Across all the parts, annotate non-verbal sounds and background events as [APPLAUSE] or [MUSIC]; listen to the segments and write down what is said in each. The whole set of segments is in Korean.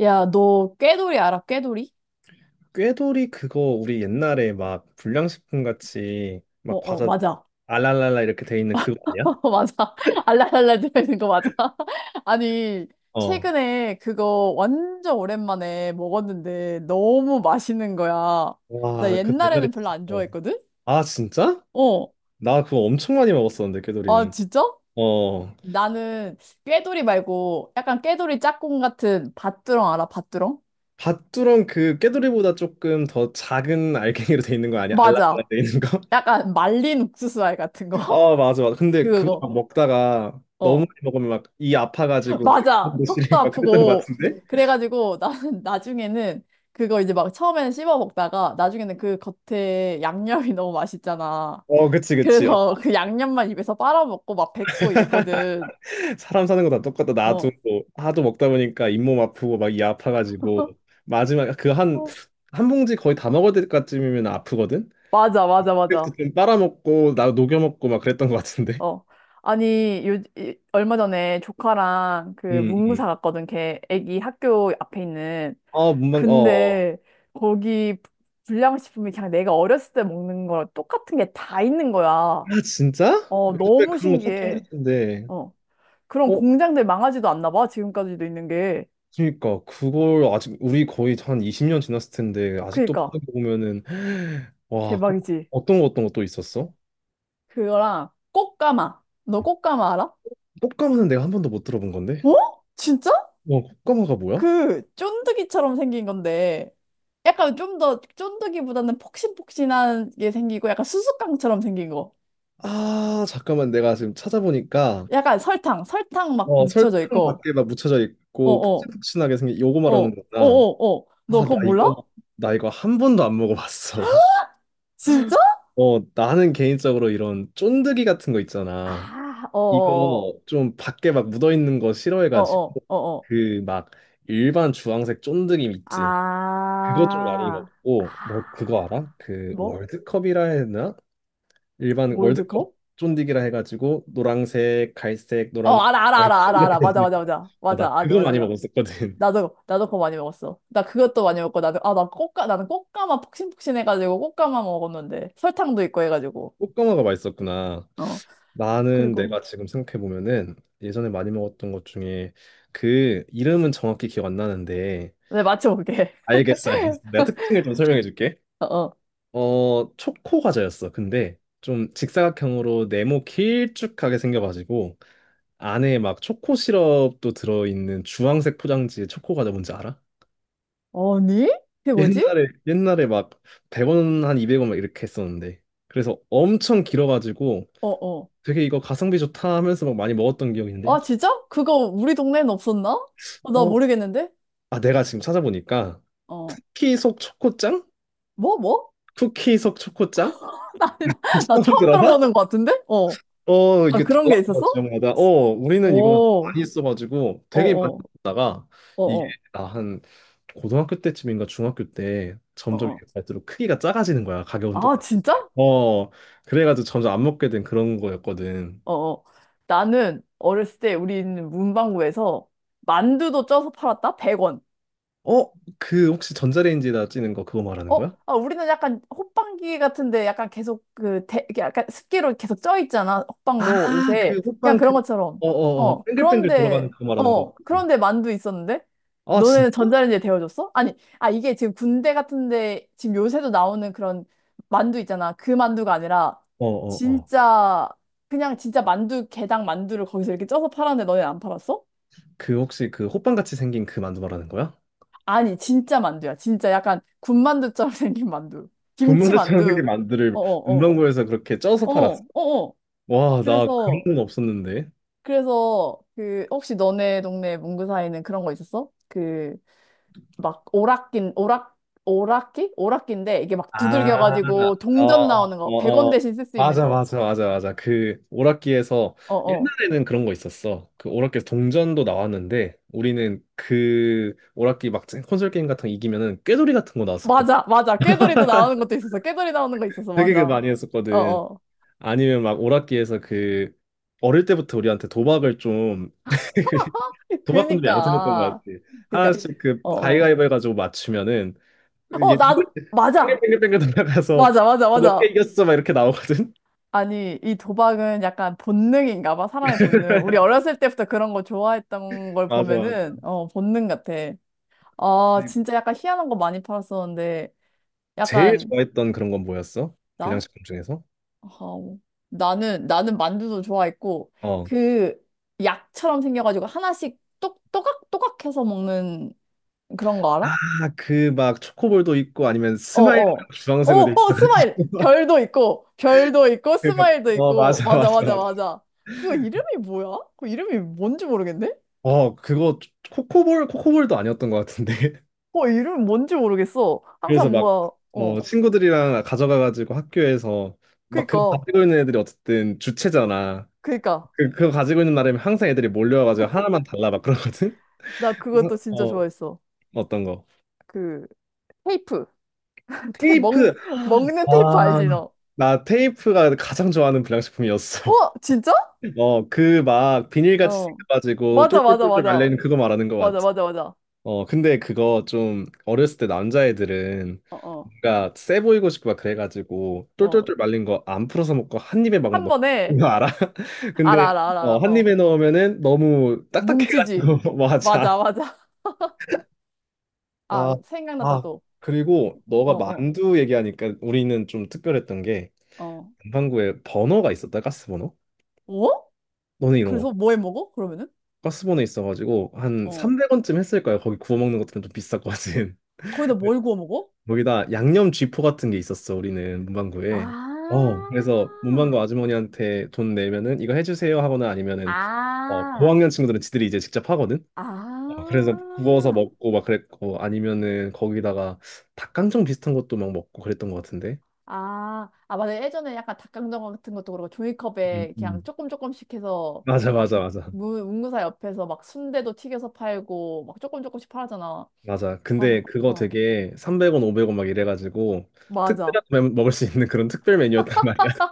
야, 너 꾀돌이 알아? 꾀돌이? 꾀돌이 그거 우리 옛날에 막 불량식품 같이 어, 막 어, 과자 맞아. 알랄랄라 이렇게 돼 있는 그거 아니야? [LAUGHS] 맞아. 알랄랄랄 들어있는 거 맞아. [LAUGHS] 아니, 어. 최근에 그거 완전 오랜만에 먹었는데 너무 맛있는 거야. 나 와, 그 옛날에 옛날에는 별로 진짜- 안 어. 좋아했거든? 아, 진짜? 어. 나 그거 엄청 많이 먹었었는데 아, 꾀돌이는. 진짜? 어. 나는 꾀돌이 말고 약간 꾀돌이 짝꿍 같은 밭두렁 알아? 밭두렁? 밭두렁 그 꾀돌이보다 조금 더 작은 알갱이로 돼 있는 거 아니야? 알랄랄라 맞아. 돼 있는 거? 약간 말린 옥수수알 같은 거? [LAUGHS] 아, 맞아, [LAUGHS] 맞아. 근데 그거 그거. 막 먹다가 너무 많이 어. 먹으면 막 이 아파가지고 [LAUGHS] 배 맞아. 고시 턱도 리막 그랬던 거 아프고. 같은데? 그래가지고 나는 [LAUGHS] 나중에는 그거 이제 막 처음에는 씹어 먹다가 나중에는 그 겉에 양념이 [LAUGHS] 너무 맛있잖아. 어, 그치, 그치. 그래서 그 양념만 입에서 빨아먹고 막 뱉고 이랬거든. 사람 사는 거 다 똑같다. 나도 어. 뭐 하도 먹다 보니까 잇몸 아프고 막 이 아파가지고 마지막 그 한 어. 한 봉지 거의 다 먹을 때까지면 아프거든. 맞아, 맞아, 그때부터 맞아. 좀 빨아먹고 나 녹여 먹고 막 그랬던 것 같은데. 어. 아니, 얼마 전에 조카랑 그 음, 음. 문구사 갔거든. 걔 애기 학교 앞에 있는. 아, 문방 어. 근데 거기 불량식품이 그냥 내가 어렸을 때 먹는 거랑 똑같은 게 다 있는 거야. 아, 진짜? 어, 요즘에 너무 그런 거 찾기 힘들 신기해. 텐데. 어. 그런 어, 공장들 망하지도 않나 봐, 지금까지도 있는 게. 그러니까 그걸 아직 우리 거의 한 20년 지났을 텐데 아직도 그니까, 파는 거 보면은 [SIGHS] 와, 그- 대박이지. 어떤 거 어떤 거 또 있었어? 그거랑 꽃가마. 너 꽃가마 알아? 꽃가마는 내가 한 번도 못 들어본 건데. 어? 진짜? 와, 꽃가마가 뭐야? 그, 쫀득이처럼 생긴 건데, 약간 좀 더 쫀득이보다는 폭신폭신한 게 생기고, 약간 수수깡처럼 생긴 거. 아, 잠깐만 내가 지금 찾아보니까 약간 설탕, 설탕 막 어, 묻혀져 설탕 있고, 밖에 막 묻혀져 있고 어어, 폭신폭신하게 생긴 요거 말하는 어어, 거구나. 어어, 너 아, 나 그거 몰라? 이거 나 이거 한 번도 안 먹어봤어. [LAUGHS] 진짜? 어, 나는 개인적으로 이런 쫀득이 같은 거 있잖아. 아, 이거 어어어, 좀 밖에 막 묻어 있는 거 싫어해가지고 어어어어. 그 막 일반 주황색 쫀득이 있지. 그거 좀 많이 아, 먹고 뭐 그거 아, 알아? 그 뭐? 월드컵이라 해야 되나? 일반 월드컵 월드컵? 쫀디기라 해가지고 노란색, 갈색, 어, 노란색, 알아, 알아, 갈색 알아, 알아, 이렇게 알아. 돼 맞아, 있는 맞아, 거. 맞아. 어, 맞아, 나 맞아, 그거 맞아. 많이 맞아. 먹었었거든. [LAUGHS] 나도 그거 많이 먹었어. 나 그것도 많이 먹고, 나도, 아, 나는 꽃가마 폭신폭신해가지고, 꽃가마 먹었는데, 설탕도 있고 해가지고, 꽃가마가 맛있었구나. 어, 나는 그리고, 내가 지금 생각해 보면은 예전에 많이 먹었던 것 중에 그 이름은 정확히 기억 안 나는데 네, 맞춰볼게. 알겠어, 알겠어. 내가 특징을 좀 설명해 줄게. [LAUGHS] 어, 어, 초코 과자였어. 근데 좀 직사각형으로 네모 길쭉하게 생겨가지고 안에 막 초코 시럽도 들어있는 주황색 포장지의 초코 과자 뭔지 알아? 어. 니 그게 뭐지? 옛날에 막 100원 한 200원 막 이렇게 했었는데 그래서 엄청 길어가지고 어, 어. 되게 이거 가성비 좋다 하면서 막 많이 먹었던 기억이 있는데 아, 진짜? 그거 우리 동네엔 없었나? 어, 나 어? 모르겠는데? 아, 내가 지금 찾아보니까 어. 쿠키 속 초코짱? 뭐? 쿠키 속 초코짱? [LAUGHS] [LAUGHS] 나 처음 처음 들어봐? 들어보는 것 같은데? 어. 어, 아, 이게 그런 게 달라요, 있었어? 지역마다. 어, 우리는 이거 오. 많이 써가지고 어 되게 많이 어, 먹다가 어 이게 어, 나 한 고등학교 때쯤인가 중학교 때 어 점점 어. 이게 갈수록 크기가 작아지는 거야. 가격은 아, 똑같아. 진짜? 어, 그래가지고 점점 안 먹게 된 그런 거였거든. 어 어. 나는 어렸을 때 우리는 문방구에서 만두도 쪄서 팔았다? 100원. 어, 그 혹시 전자레인지에다 찌는 거 그거 말하는 어, 거야? 아, 우리는 약간 호빵기 같은데 약간 계속 이렇게 약간 습기로 계속 쪄 있잖아. 아, 호빵도 그 요새 그냥 호빵 그런 그, 것처럼. 어, 어, 어, 어, 뱅글뱅글 들어가는 그런데 그거 말하는 거. 어, 같아. 그런데 만두 있었는데 아, 진짜? 너네는 전자레인지에 데워줬어? 아니, 아 이게 지금 군대 같은데 지금 요새도 나오는 그런 만두 있잖아. 그 만두가 아니라 어, 어, 어. 진짜 그냥 진짜 만두 게당 만두를 거기서 이렇게 쪄서 팔았는데 너네는 안 팔았어? 그 혹시 그 호빵같이 생긴 그 만두 말하는 거야? 아니, 진짜 만두야. 진짜 약간 군만두처럼 [LAUGHS] 생긴 만두. 김치 분말 천사기 만두. 만두를 어어어. 문방구에서 그렇게 쪄서 어, 팔았어. 어, 어. 와, 나 그런 그래서, 건 없었는데. 그래서, 그, 혹시 너네 동네 문구사에는 그런 거 있었어? 그, 막, 오락기? 오락기인데, 이게 막 아, 두들겨가지고 어, 동전 나오는 어, 거, 100원 어, 어. 대신 쓸 수 있는 맞아, 거. 맞아, 맞아, 맞아. 그 오락기에서 어, 어. 옛날에는 그런 거 있었어. 그 오락기에서 동전도 나왔는데 우리는 그 오락기 막 콘솔 게임 같은 거 이기면은 꾀돌이 같은 거 나왔었거든. 맞아, 맞아. 깨돌이도 나오는 것도 있었어. 깨돌이 나오는 거 있었어. 되게 그 맞아. 많이 어, 했었거든. 어. 아니면 막 오락기에서 그 어릴 때부터 우리한테 도박을 좀 [LAUGHS] [LAUGHS] 도박꾼들이 양성했던 거 그니까. 같지. 그니까, 하나씩 그 어, 어. 가위가위보 해가지고 맞추면은 어, 이게 나도, 맞아. 뺑글뺑글뺑글 돌아가서 맞아, 맞아, 몇 개 맞아. 이겼어 막 이렇게 나오거든. 아니, 이 도박은 약간 본능인가 봐, 사람의 본능. 우리 어렸을 때부터 그런 거 [LAUGHS] 좋아했던 걸 맞아, 보면은, 맞아. 어, 본능 같아. 아, 진짜 약간 희한한 거 많이 팔았었는데, 제일 약간, 좋아했던 그런 건 뭐였어? 나? 불량식품 중에서? 어, 나는 만두도 좋아했고, 어. 그 약처럼 생겨가지고 하나씩 똑, 또각또각 해서 먹는 그런 거 알아? 아, 그 막 초코볼도 있고 아니면 어, 스마일 어. 어, 주황색으로 돼 어, 스마일! 있어가지고 [LAUGHS] 별도 있고, 별도 있고, 그막 스마일도 어, 있고, 맞아, 맞아, 맞아, 맞아, 맞아. 맞아. 그거 이름이 뭐야? 그 이름이 뭔지 모르겠네? 어, 그거 코코볼도 아니었던 것 같은데. [LAUGHS] 어, 이름 뭔지 모르겠어. 그래서 항상 막 뭔가, 어, 어, 친구들이랑 가져가가지고 학교에서 막 그거 그니까, 가지고 있는 애들이 어쨌든 주체잖아. 그니까. 그거 가지고 있는 나름 항상 애들이 몰려와가지고 하나만 달라 막 그러거든? 나 그것도 그래서, 진짜 어, 좋아했어. 어떤 거? 그, 테이프. [LAUGHS] 테, 먹는, 테이프! 먹는 테이프 아, 알지, 너? 나 테이프가 가장 좋아하는 불량식품이었어. 어, 진짜? [LAUGHS] 어, 그 막 비닐같이 어. 생겨가지고 맞아, 맞아, 똘똘똘똘 맞아. 말려있는 그거 말하는 거 맞아, 맞지? 맞아, 맞아. 어, 근데 그거 좀 어렸을 때 남자애들은 어, 어, 뭔가 세 보이고 싶고 막 그래가지고 어. 똘똘똘 말린 거 안 풀어서 먹고 한 입에 막 한 먹고 번에, 그거 알아? [LAUGHS] 근데 알아, 알아, 알아, 알아. 어, 한 어. 입에 넣으면은 너무 뭉치지. 딱딱해가지고 [LAUGHS] 맞아. 맞아, 맞아. [LAUGHS] 아, 아, 생각났다, 아, 또. 그리고 어, 너가 어, 만두 얘기하니까 우리는 좀 특별했던 게 어. 남반구에 버너가 있었다, 가스버너. 어? 너네 이런 거 그래서 뭐해 먹어? 그러면은? 가스버너 있어가지고 한 어. 300원쯤 했을 거야. 거기 구워 먹는 것들은 좀 비쌌거든. 거기다 [LAUGHS] 근데 뭘 구워 먹어? 거기다 양념 쥐포 같은 게 있었어, 우리는 아, 문방구에. 어, 그래서 문방구 아주머니한테 돈 내면은 이거 해주세요 하거나 아니면은 어, 아. 고학년 친구들은 지들이 이제 직접 하거든. 어, 그래서 구워서 아, 먹고 막 그랬고 아니면은 거기다가 닭강정 비슷한 것도 막 먹고 그랬던 것 같은데. 아, 아, 맞아. 예전에 약간 닭강정 같은 것도 그렇고 음, 종이컵에 그냥 음. 조금 조금씩 해서 맞아, 막 맞아, 맞아. 문 문구사 옆에서 막 순대도 튀겨서 팔고 막 조금 조금씩 팔았잖아. 맞아. 아휴, 근데 그거 어, 되게 300원, 500원 막 이래가지고 맞아. 특별하게 매- 먹을 수 있는 그런 특별 메뉴였단 말이야. [LAUGHS]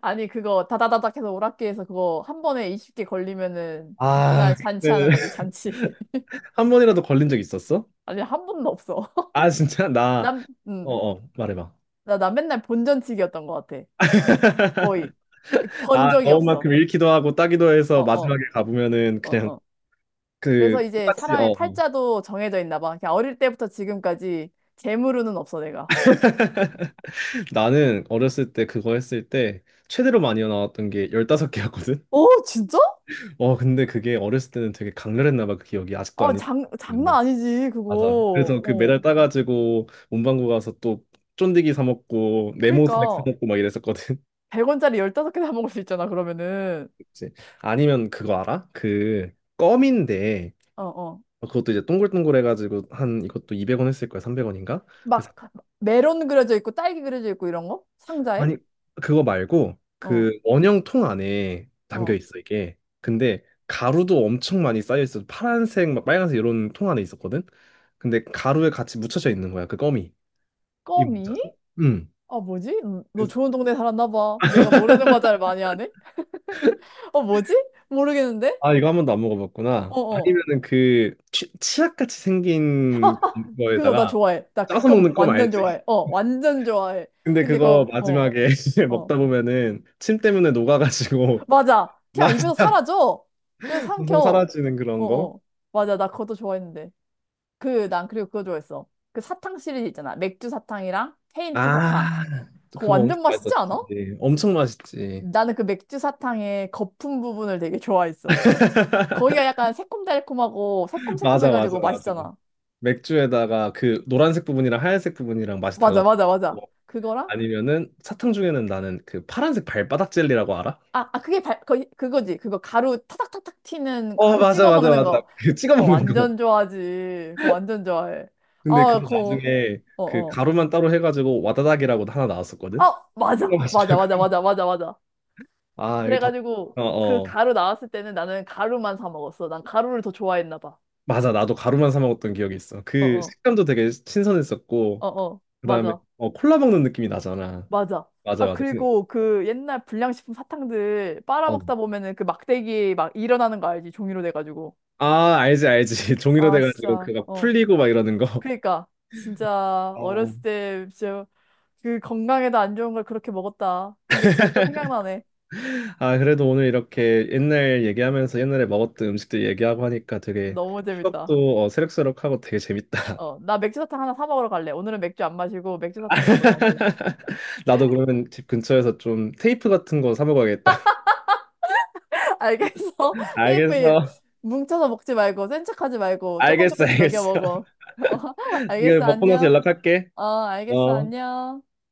아니, 그거 다다다닥 해서 오락기에서 그거 한 번에 20개 걸리면은 날 아, 그때는 잔치하는 거지, [LAUGHS] 잔치. [LAUGHS] 한 번이라도 걸린 적 있었어? 아니, 한 번도 없어. 아, 진짜? [LAUGHS] 나, 난, 어, 음, 어, 말해봐. 나 맨날 본전치기였던 것 같아. 거의. [LAUGHS] 그 번 아, 적이 넣은 없어. 만큼 잃기도 하고 따기도 어, 해서 어, 마지막에 가보면은 어, 그냥 어. 그 그래서 이제 똑같이, 사람의 어. 어. 팔자도 정해져 있나 봐. 그냥 어릴 때부터 지금까지 재물운은 없어, 내가. 나는 어렸을 때 그거 했을 때 최대로 많이 나왔던 게 15개였거든? 어, 진짜? 어, 근데 그게 어렸을 때는 되게 강렬했나 봐, 그 기억이. 아직도 어, 안 잊... 장난 아니지, 맞아. 그거. 그래서 그 어. 메달 따가지고 문방구 가서 또 쫀디기 사 먹고 네모스낵 사 그러니까, 먹고 막 이랬었거든. 100원짜리 15개 사 먹을 수 있잖아, 그러면은. [LAUGHS] 그치? 아니면 그거 알아? 그 껌인데 어, 어. 어, 그것도 이제 동글동글 해가지고 한 이것도 200원 했을 거야. 300원인가? 그래서 막, 메론 그려져 있고, 딸기 그려져 있고, 이런 거? 상자에? 아니 그거 말고 어, 그 원형 통 안에 담겨 어. 있어 이게. 근데 가루도 엄청 많이 쌓여 있어. 파란색 막 빨간색 이런 통 안에 있었거든. 근데 가루에 같이 묻혀져 있는 거야. 그 껌이. 이거 뭔지 껌이? 알아? 응. 아, 뭐지? 너 좋은 동네 살았나 봐. 내가 모르는 과자를 많이 하네? 어, 뭐지? 모르겠는데? 아, 이거 한 번도 안 먹어봤구나. 어어. 아니면은 치약같이 생긴 그거 나 거에다가 좋아해. 나 짜서 그건 먹는 껌 완전 알지? 좋아해. 어, 완전 좋아해. 근데 근데 그거 그거, 어, 마지막에 [LAUGHS] 어. 먹다 보면은 침 때문에 녹아가지고 맞아. [LAUGHS] 그냥 맛이 입에서 사라져. 그래서 점점 삼켜. 사라지는 어, 그런 거. 어. 맞아. 나 그것도 좋아했는데. 그, 난 그리고 그거 좋아했어. 그 사탕 시리즈 있잖아. 맥주 사탕이랑 페인트 사탕. 아, 그거 그거 엄청 완전 맛있지 않아? 맛있었지. 엄청 맛있지. 나는 그 맥주 사탕의 거품 부분을 되게 좋아했어. 거기가 약간 새콤달콤하고 [LAUGHS] 맞아, 맞아, 새콤새콤해가지고 맞아. 맛있잖아. 맥주에다가 그 노란색 부분이랑 하얀색 부분이랑 맛이 맞아, 달라졌고 맞아, 맞아. 그거랑 아니면은 사탕 중에는 나는 그 파란색 발바닥 젤리라고 알아? 아, 아 그게 그거지. 그거 가루 타닥타닥 튀는 어, 가루 맞아, 찍어 맞아, 먹는 맞아. 거. 그 찍어 그거 먹는 거. 완전 좋아하지. 그거 완전 좋아해. 근데 아, 그게 그거, 나중에 어, 그 어. 가루만 따로 해가지고 와다닥이라고 하나 나왔었거든? 아, 이거 맞아. 맞아, 마시라고. 맞아, 맞아, 맞아, 맞아. 아, 이거 다, 그래가지고 어, 그 어. 가루 나왔을 때는 나는 가루만 사 먹었어. 난 가루를 더 좋아했나 봐. 맞아. 나도 가루만 사 먹었던 기억이 있어. 어, 그 어, 식감도 되게 어, 신선했었고, 어. 그 다음에, 맞아, 어, 콜라 먹는 느낌이 나잖아. 맞아. 맞아, 아, 맞아. 근데, 그리고 그 옛날 불량식품 사탕들 어. 빨아먹다 보면은 그 막대기 막 일어나는 거 알지? 종이로 돼가지고. 아, 알지, 알지. [LAUGHS] 종이로 아, 돼가지고 진짜. 그거 어. 풀리고 막 이러는 거. 그러니까 진짜 어. 어렸을 때 진짜 그 건강에도 안 좋은 걸 그렇게 먹었다. 근데 지금 또 [LAUGHS] 생각나네. 아, 그래도 오늘 이렇게 옛날 얘기하면서 옛날에 먹었던 음식들 얘기하고 하니까 되게 너무 재밌다. 추억도 어, 새록새록하고 되게 재밌다. 어, 나 맥주 사탕 하나 사 먹으러 갈래. 오늘은 맥주 안 마시고 맥주 사탕 먹을래. [LAUGHS] 나도 그러면 집 근처에서 좀 테이프 같은 거 사 먹어야겠다. [LAUGHS] 알겠어. [LAUGHS] [LAUGHS] 테이프 알겠어. 뭉쳐서 먹지 말고 센 척하지 말고 조금 알겠어, 조금씩 녹여 알겠어. 먹어. [LAUGHS] [LAUGHS] 어, 이거 알겠어. 먹고 나서 안녕. 연락할게. 어, 알겠어. 어. 안녕.